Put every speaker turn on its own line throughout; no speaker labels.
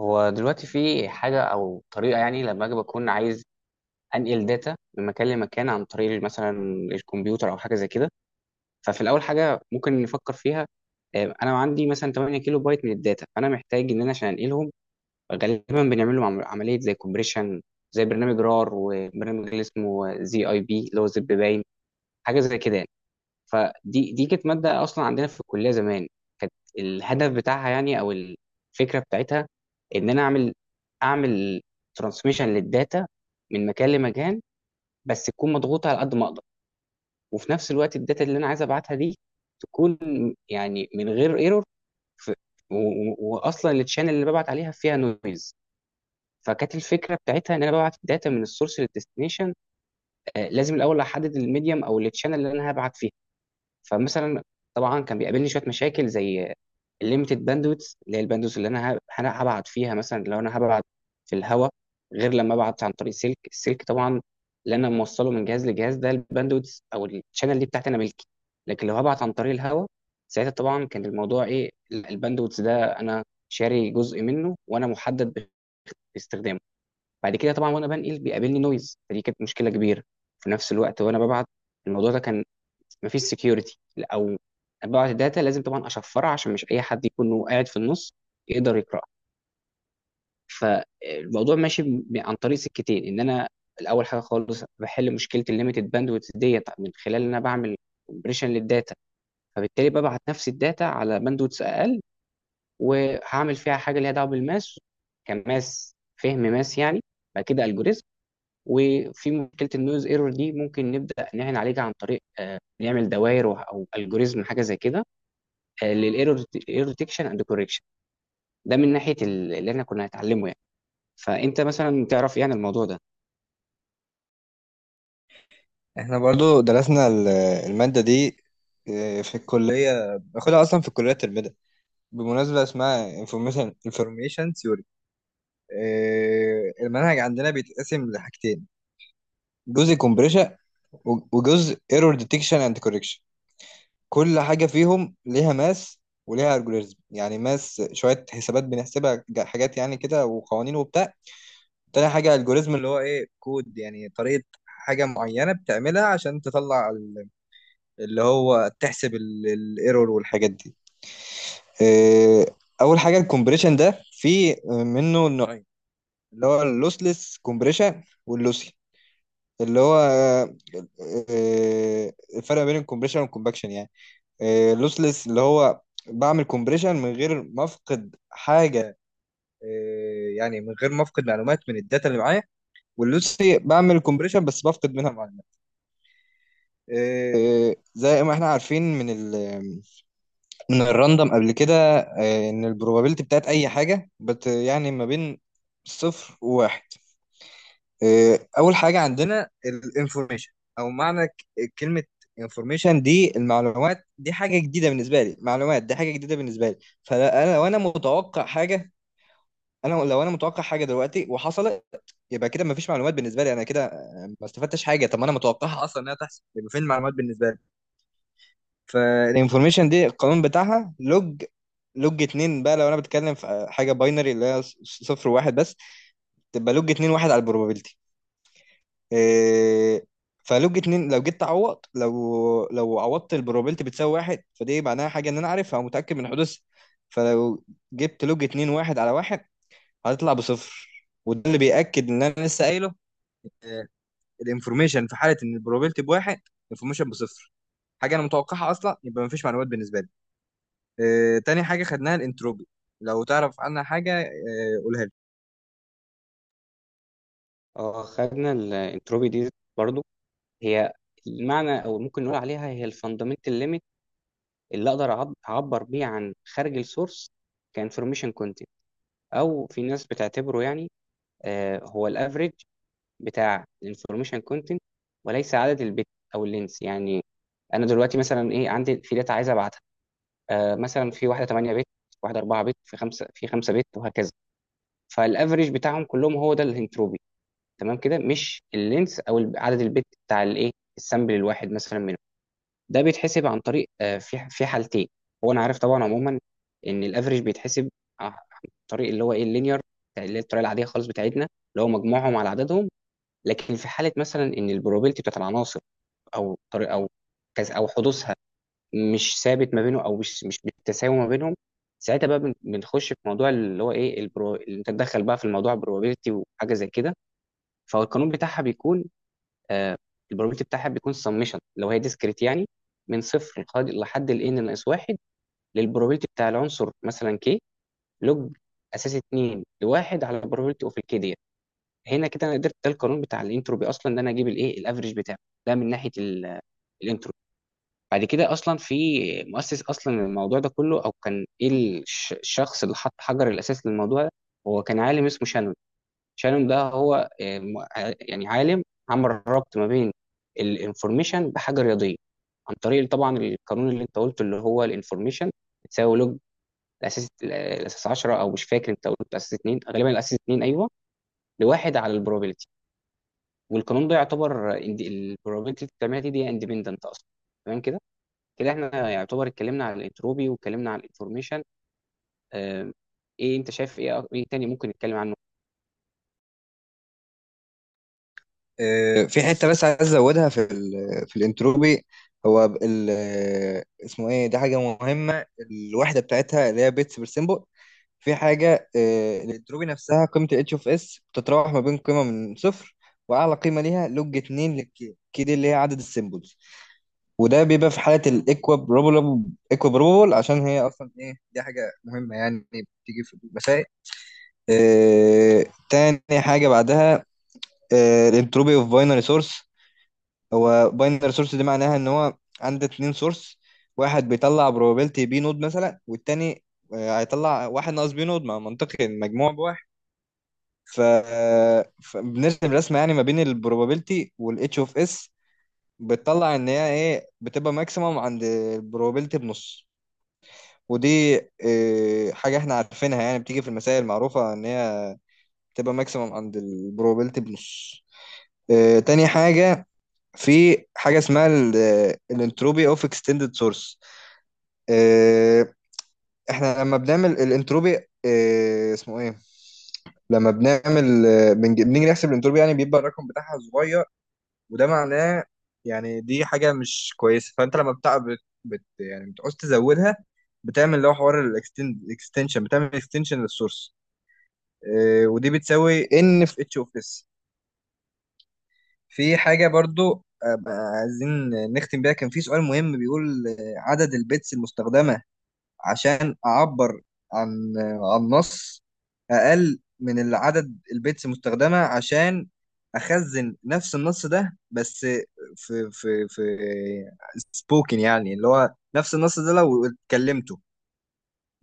هو دلوقتي في حاجة أو طريقة يعني لما أجي بكون عايز أنقل داتا من مكان لمكان عن طريق مثلا الكمبيوتر أو حاجة زي كده. ففي الأول حاجة ممكن نفكر فيها، أنا عندي مثلا 8 كيلو بايت من الداتا، فأنا محتاج إن أنا عشان أنقلهم غالبا بنعمل لهم عملية زي كومبريشن، زي برنامج رار وبرنامج اللي اسمه زي أي بي اللي هو زب باين، حاجة زي كده يعني. فدي كانت ماده اصلا عندنا في الكليه زمان. كانت الهدف بتاعها يعني او الفكره بتاعتها ان انا اعمل ترانسميشن للداتا من مكان لمكان، بس تكون مضغوطه على قد ما اقدر. وفي نفس الوقت الداتا اللي انا عايز ابعتها دي تكون يعني من غير ايرور، واصلا التشانل اللي ببعت عليها فيها نويز. فكانت الفكره بتاعتها ان انا ببعت الداتا من السورس للديستنيشن. لازم الاول احدد الميديم او التشانل اللي انا هبعت فيه. فمثلا، طبعا كان بيقابلني شويه مشاكل زي الليميتد باندويث، اللي هي الباندويث اللي انا هبعت فيها. مثلا لو انا هبعت في الهواء، غير لما ابعت عن طريق سلك. السلك طبعا اللي انا موصله من جهاز لجهاز، ده الباندويث او الشانل دي بتاعتي انا ملكي. لكن لو هبعت عن طريق الهواء، ساعتها طبعا كان الموضوع ايه، الباندويث ده انا شاري جزء منه وانا محدد باستخدامه. بعد كده طبعا وانا بنقل بيقابلني نويز، فدي كانت مشكله كبيره. في نفس الوقت وانا ببعت، الموضوع ده كان مفيش سكيورتي، او بعض الداتا لازم طبعا اشفرها عشان مش اي حد يكون هو قاعد في النص يقدر يقراها. فالموضوع ماشي عن طريق سكتين، ان انا الاول حاجه خالص بحل مشكله الليميتد باندويث ديت من خلال ان انا بعمل كومبريشن للداتا، فبالتالي ببعت نفس الداتا على باندويث اقل، وهعمل فيها حاجه ليها دعوه بالماس كماس فهم ماس يعني. بعد كده الجوريزم، وفي مشكله النويز ايرور دي ممكن نبدا نعين عليها عن طريق نعمل دوائر او الجوريزم حاجه زي كده، للايرور ديتكشن اند كوركشن. ده من ناحيه اللي احنا كنا هنتعلمه يعني. فانت مثلا تعرف ايه عن الموضوع ده؟
احنا برضو درسنا المادة دي. في الكلية باخدها أصلا في الكلية الترم ده، بمناسبة اسمها information theory. المنهج عندنا بيتقسم لحاجتين، جزء compression و- وجزء error detection and correction. كل حاجة فيهم ليها ماس وليها algorithm، يعني ماس شوية حسابات بنحسبها حاجات يعني كده وقوانين وبتاع. تاني حاجة algorithm اللي هو ايه كود، يعني طريقة حاجة معينة بتعملها عشان تطلع اللي هو تحسب الايرور والحاجات دي. آه، اول حاجه الكومبريشن ده في منه نوعين، اللي هو اللوسلس كومبريشن واللوسي اللي هو الفرق بين الكومبريشن والكومباكشن يعني. اللوسلس اللي هو بعمل كومبريشن من غير ما افقد حاجه، يعني من غير ما افقد معلومات من الداتا اللي معايا. واللوسي بعمل كومبريشن بس بفقد منها معلومات. زي ما احنا عارفين من ال من الراندوم قبل كده، ان البروبابيلتي بتاعت اي حاجه بت يعني ما بين صفر وواحد. اول حاجه عندنا الانفورميشن او معنى كلمه انفورميشن دي، المعلومات دي حاجه جديده بالنسبه لي، معلومات دي حاجه جديده بالنسبه لي، فانا لو انا متوقع حاجه، انا لو انا متوقع حاجه دلوقتي وحصلت يبقى كده مفيش معلومات بالنسبه لي انا كده، ما استفدتش حاجه. طب ما انا متوقعها اصلا انها تحصل، يبقى فين المعلومات بالنسبه لي؟ فالانفورميشن دي القانون بتاعها لوج، لوج اتنين. بقى لو انا بتكلم في حاجه باينري اللي هي صفر وواحد بس، تبقى لوج اتنين واحد على البروبابيلتي. إيه؟ فلوج اتنين لو جيت تعوض، لو عوضت البروبابيلتي بتساوي واحد، فدي معناها حاجه ان انا عارفها ومتاكد من حدوثها. فلو جبت لوج اتنين واحد على واحد، هتطلع بصفر، وده اللي بيأكد ان انا لسه قايله. آه، الانفورميشن في حاله ان البروبابيلتي بواحد، الانفورميشن بصفر، حاجه انا متوقعها اصلا يبقى مفيش معلومات بالنسبه لي. تاني حاجة خدناها الانتروبي. لو تعرف عنها حاجة قولها لي.
اه، خدنا الانتروبي دي برضو. هي المعنى او ممكن نقول عليها هي الفاندامنتال ليميت اللي اقدر اعبر بيه عن خارج السورس كانفورميشن كونتنت. او في ناس بتعتبره يعني، هو الافريج بتاع الانفورميشن كونتنت، وليس عدد البت او اللينس يعني. انا دلوقتي مثلا ايه عندي في داتا عايز ابعتها، مثلا في واحده 8 بت، واحده 4 بت، في خمسه بت وهكذا. فالافريج بتاعهم كلهم هو ده الانتروبي، تمام كده، مش اللينس او عدد البت بتاع الايه السامبل الواحد مثلا منهم. ده بيتحسب عن طريق في في حالتين. هو انا عارف طبعا عموما ان الافريج بيتحسب عن طريق اللي هو ايه اللينير، اللي هي الطريقه العاديه خالص بتاعتنا، اللي هو مجموعهم على عددهم. لكن في حاله مثلا ان البروبابيلتي بتاعت العناصر او طريق او كذا او حدوثها مش ثابت ما بينه، او مش بالتساوي ما بينهم، ساعتها بقى بنخش في موضوع اللي هو ايه اللي انت تدخل بقى في الموضوع probability وحاجه زي كده. فهو القانون بتاعها بيكون، آه probability بتاعها بيكون سمشن لو هي ديسكريت يعني، من صفر لحد ال n ناقص واحد، للبروبابيلتي بتاع العنصر مثلا k، لوج اساس 2 لواحد على probability اوف الكي ديت. هنا كده انا قدرت، ده القانون بتاع الانتروبي اصلا، ان انا اجيب الايه الافريج بتاعه. ده من ناحيه الانتروبي. بعد كده اصلا في مؤسس اصلا الموضوع ده كله او كان ايه، الشخص اللي حط حجر الاساس للموضوع ده، هو كان عالم اسمه شانون. شانون ده هو يعني عالم عمل ربط ما بين الانفورميشن بحاجه رياضيه، عن طريق طبعا القانون اللي انت قلته اللي هو الانفورميشن تساوي لوج الاساس 10، او مش فاكر، انت قلت الاساس 2 غالبا، الاساس 2 ايوه، لواحد على البروبابيلتي. والقانون ده يعتبر البروبابيلتي اللي بتعملها دي اندبندنت اصلا، تمام كده. كده احنا يعتبر اتكلمنا على الانتروبي واتكلمنا على الانفورميشن. آم، ايه انت شايف، ايه تاني ممكن نتكلم عنه؟
في حتة بس عايز أزودها في في الانتروبي. هو ب- ال اسمه إيه، دي حاجة مهمة، الوحدة بتاعتها اللي هي بيتس بير سيمبل. في حاجة الانتروبي نفسها، قيمة ال H of S بتتراوح ما بين قيمة من صفر وأعلى قيمة ليها لوج 2 للكي دي اللي هي عدد السيمبلز، وده بيبقى في حالة الإكوابروبل. إكوابروبل عشان هي أصلا إيه، دي حاجة مهمة يعني بتيجي في المسائل. تاني حاجة بعدها الانتروبي اوف باينري سورس. هو باينري سورس دي معناها ان هو عندك اتنين سورس، واحد بيطلع بروبابيلتي بي نود مثلا والتاني هيطلع واحد ناقص بي نود، ما منطقي المجموع بواحد. ف... آه، فبنرسم رسمة يعني ما بين البروبابيلتي والاتش اوف اس، بتطلع ان هي ايه، بتبقى ماكسيمم عند البروبابيلتي بنص. ودي حاجة احنا عارفينها يعني بتيجي في المسائل المعروفة ان هي بتبقى ماكسيمم عند البروبابيلتي بنص. تاني حاجة، في حاجة اسمها الانتروبي اوف اكستندد سورس. احنا لما بنعمل الانتروبي اسمه ايه، لما بنعمل بنيجي نحسب الانتروبي يعني بيبقى الرقم بتاعها صغير، وده معناه يعني دي حاجة مش كويسة، فانت لما بتاع بت يعني بتعوز تزودها، بتعمل اللي هو حوار الاكستنشن، بتعمل اكستنشن للسورس. ودي بتساوي ان في اتش اوف اس. في حاجة برضو عايزين نختم بيها، كان في سؤال مهم بيقول عدد البيتس المستخدمة عشان أعبر عن عن نص أقل من العدد البيتس المستخدمة عشان أخزن نفس النص ده، بس في سبوكن يعني اللي هو نفس النص ده لو اتكلمته،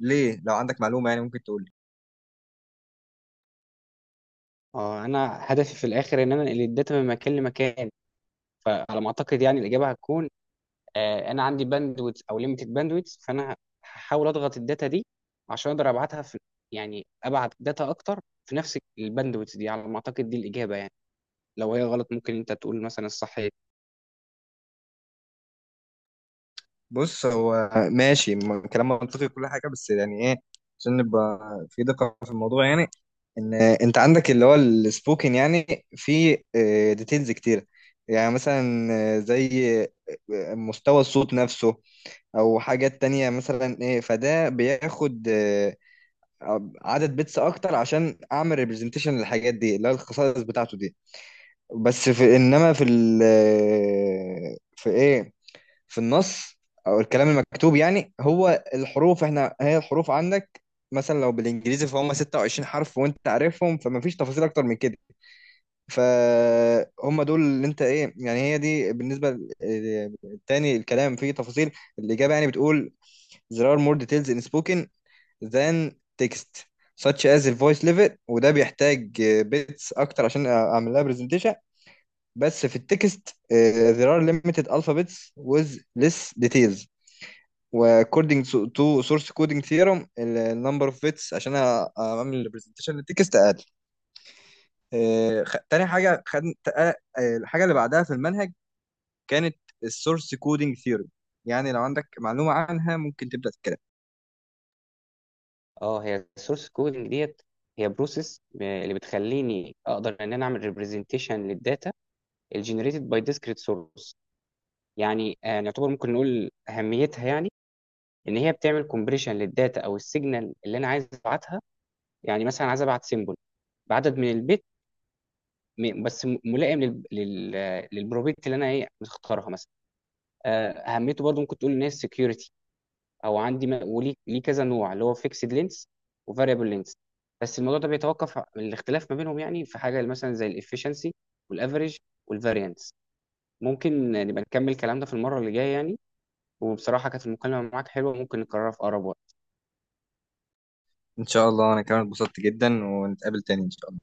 ليه؟ لو عندك معلومة يعني ممكن تقول.
اه، انا هدفي في الاخر ان انا انقل الداتا من مكان لمكان. فعلى ما اعتقد يعني الاجابه هتكون، انا عندي باندويت او ليميتد باندويت، فانا هحاول اضغط الداتا دي عشان اقدر ابعتها في، يعني ابعت داتا اكتر في نفس الباندويت دي. على ما اعتقد دي الاجابه يعني، لو هي غلط ممكن انت تقول مثلا الصح.
بص، هو ماشي كلام منطقي كل حاجه، بس يعني ايه، عشان نبقى في دقه في الموضوع يعني، ان انت عندك اللي هو السبوكن يعني في ديتيلز كتير. يعني مثلا زي مستوى الصوت نفسه، او حاجات تانية مثلا ايه، فده بياخد عدد بيتس اكتر عشان اعمل ريبريزنتيشن للحاجات دي اللي هي الخصائص بتاعته دي. بس في انما في ال آه، في ايه، في النص او الكلام المكتوب يعني، هو الحروف، احنا هي الحروف عندك مثلا لو بالانجليزي فهم 26 حرف وانت عارفهم، فما فيش تفاصيل اكتر من كده. فهم دول اللي انت ايه يعني، هي دي بالنسبه تاني الكلام فيه تفاصيل. الاجابه يعني بتقول: there are more details in spoken than text such as the voice level. وده بيحتاج بيتس اكتر عشان اعمل لها برزنتيشن. بس في التكست، there are limited alphabets with less details، وكودينج تو سورس كودينج ثيورم النمبر اوف بيتس عشان اعمل البرزنتيشن للتكست اقل. تاني حاجه خد، الحاجه اللي بعدها في المنهج كانت السورس كودينج ثيورم. يعني لو عندك معلومه عنها ممكن تبدا تتكلم.
اه، هي السورس كودنج ديت هي بروسيس اللي بتخليني اقدر ان انا اعمل ريبريزنتيشن للداتا الجنريتد باي ديسكريت سورس. يعني نعتبر ممكن نقول اهميتها يعني ان هي بتعمل كومبريشن للداتا او السيجنال اللي انا عايز ابعتها. يعني مثلا عايز ابعت سيمبل بعدد من البت، بس ملائم لل... لل... آه، للبروبيت اللي انا ايه مختارها مثلا. اهميته برضو ممكن تقول ان هي security، او عندي وليه ليه كذا نوع، اللي هو فيكسد لينس وفاريبل لينس. بس الموضوع ده بيتوقف الاختلاف ما بينهم، يعني في حاجه مثلا زي الافشنسي والافريج والفاريانس. ممكن نبقى نكمل كلام ده في المره اللي جايه يعني. وبصراحه كانت المكالمه معاك حلوه، ممكن نكررها في اقرب وقت.
ان شاء الله، انا كمان اتبسطت جدا، ونتقابل تاني ان شاء الله.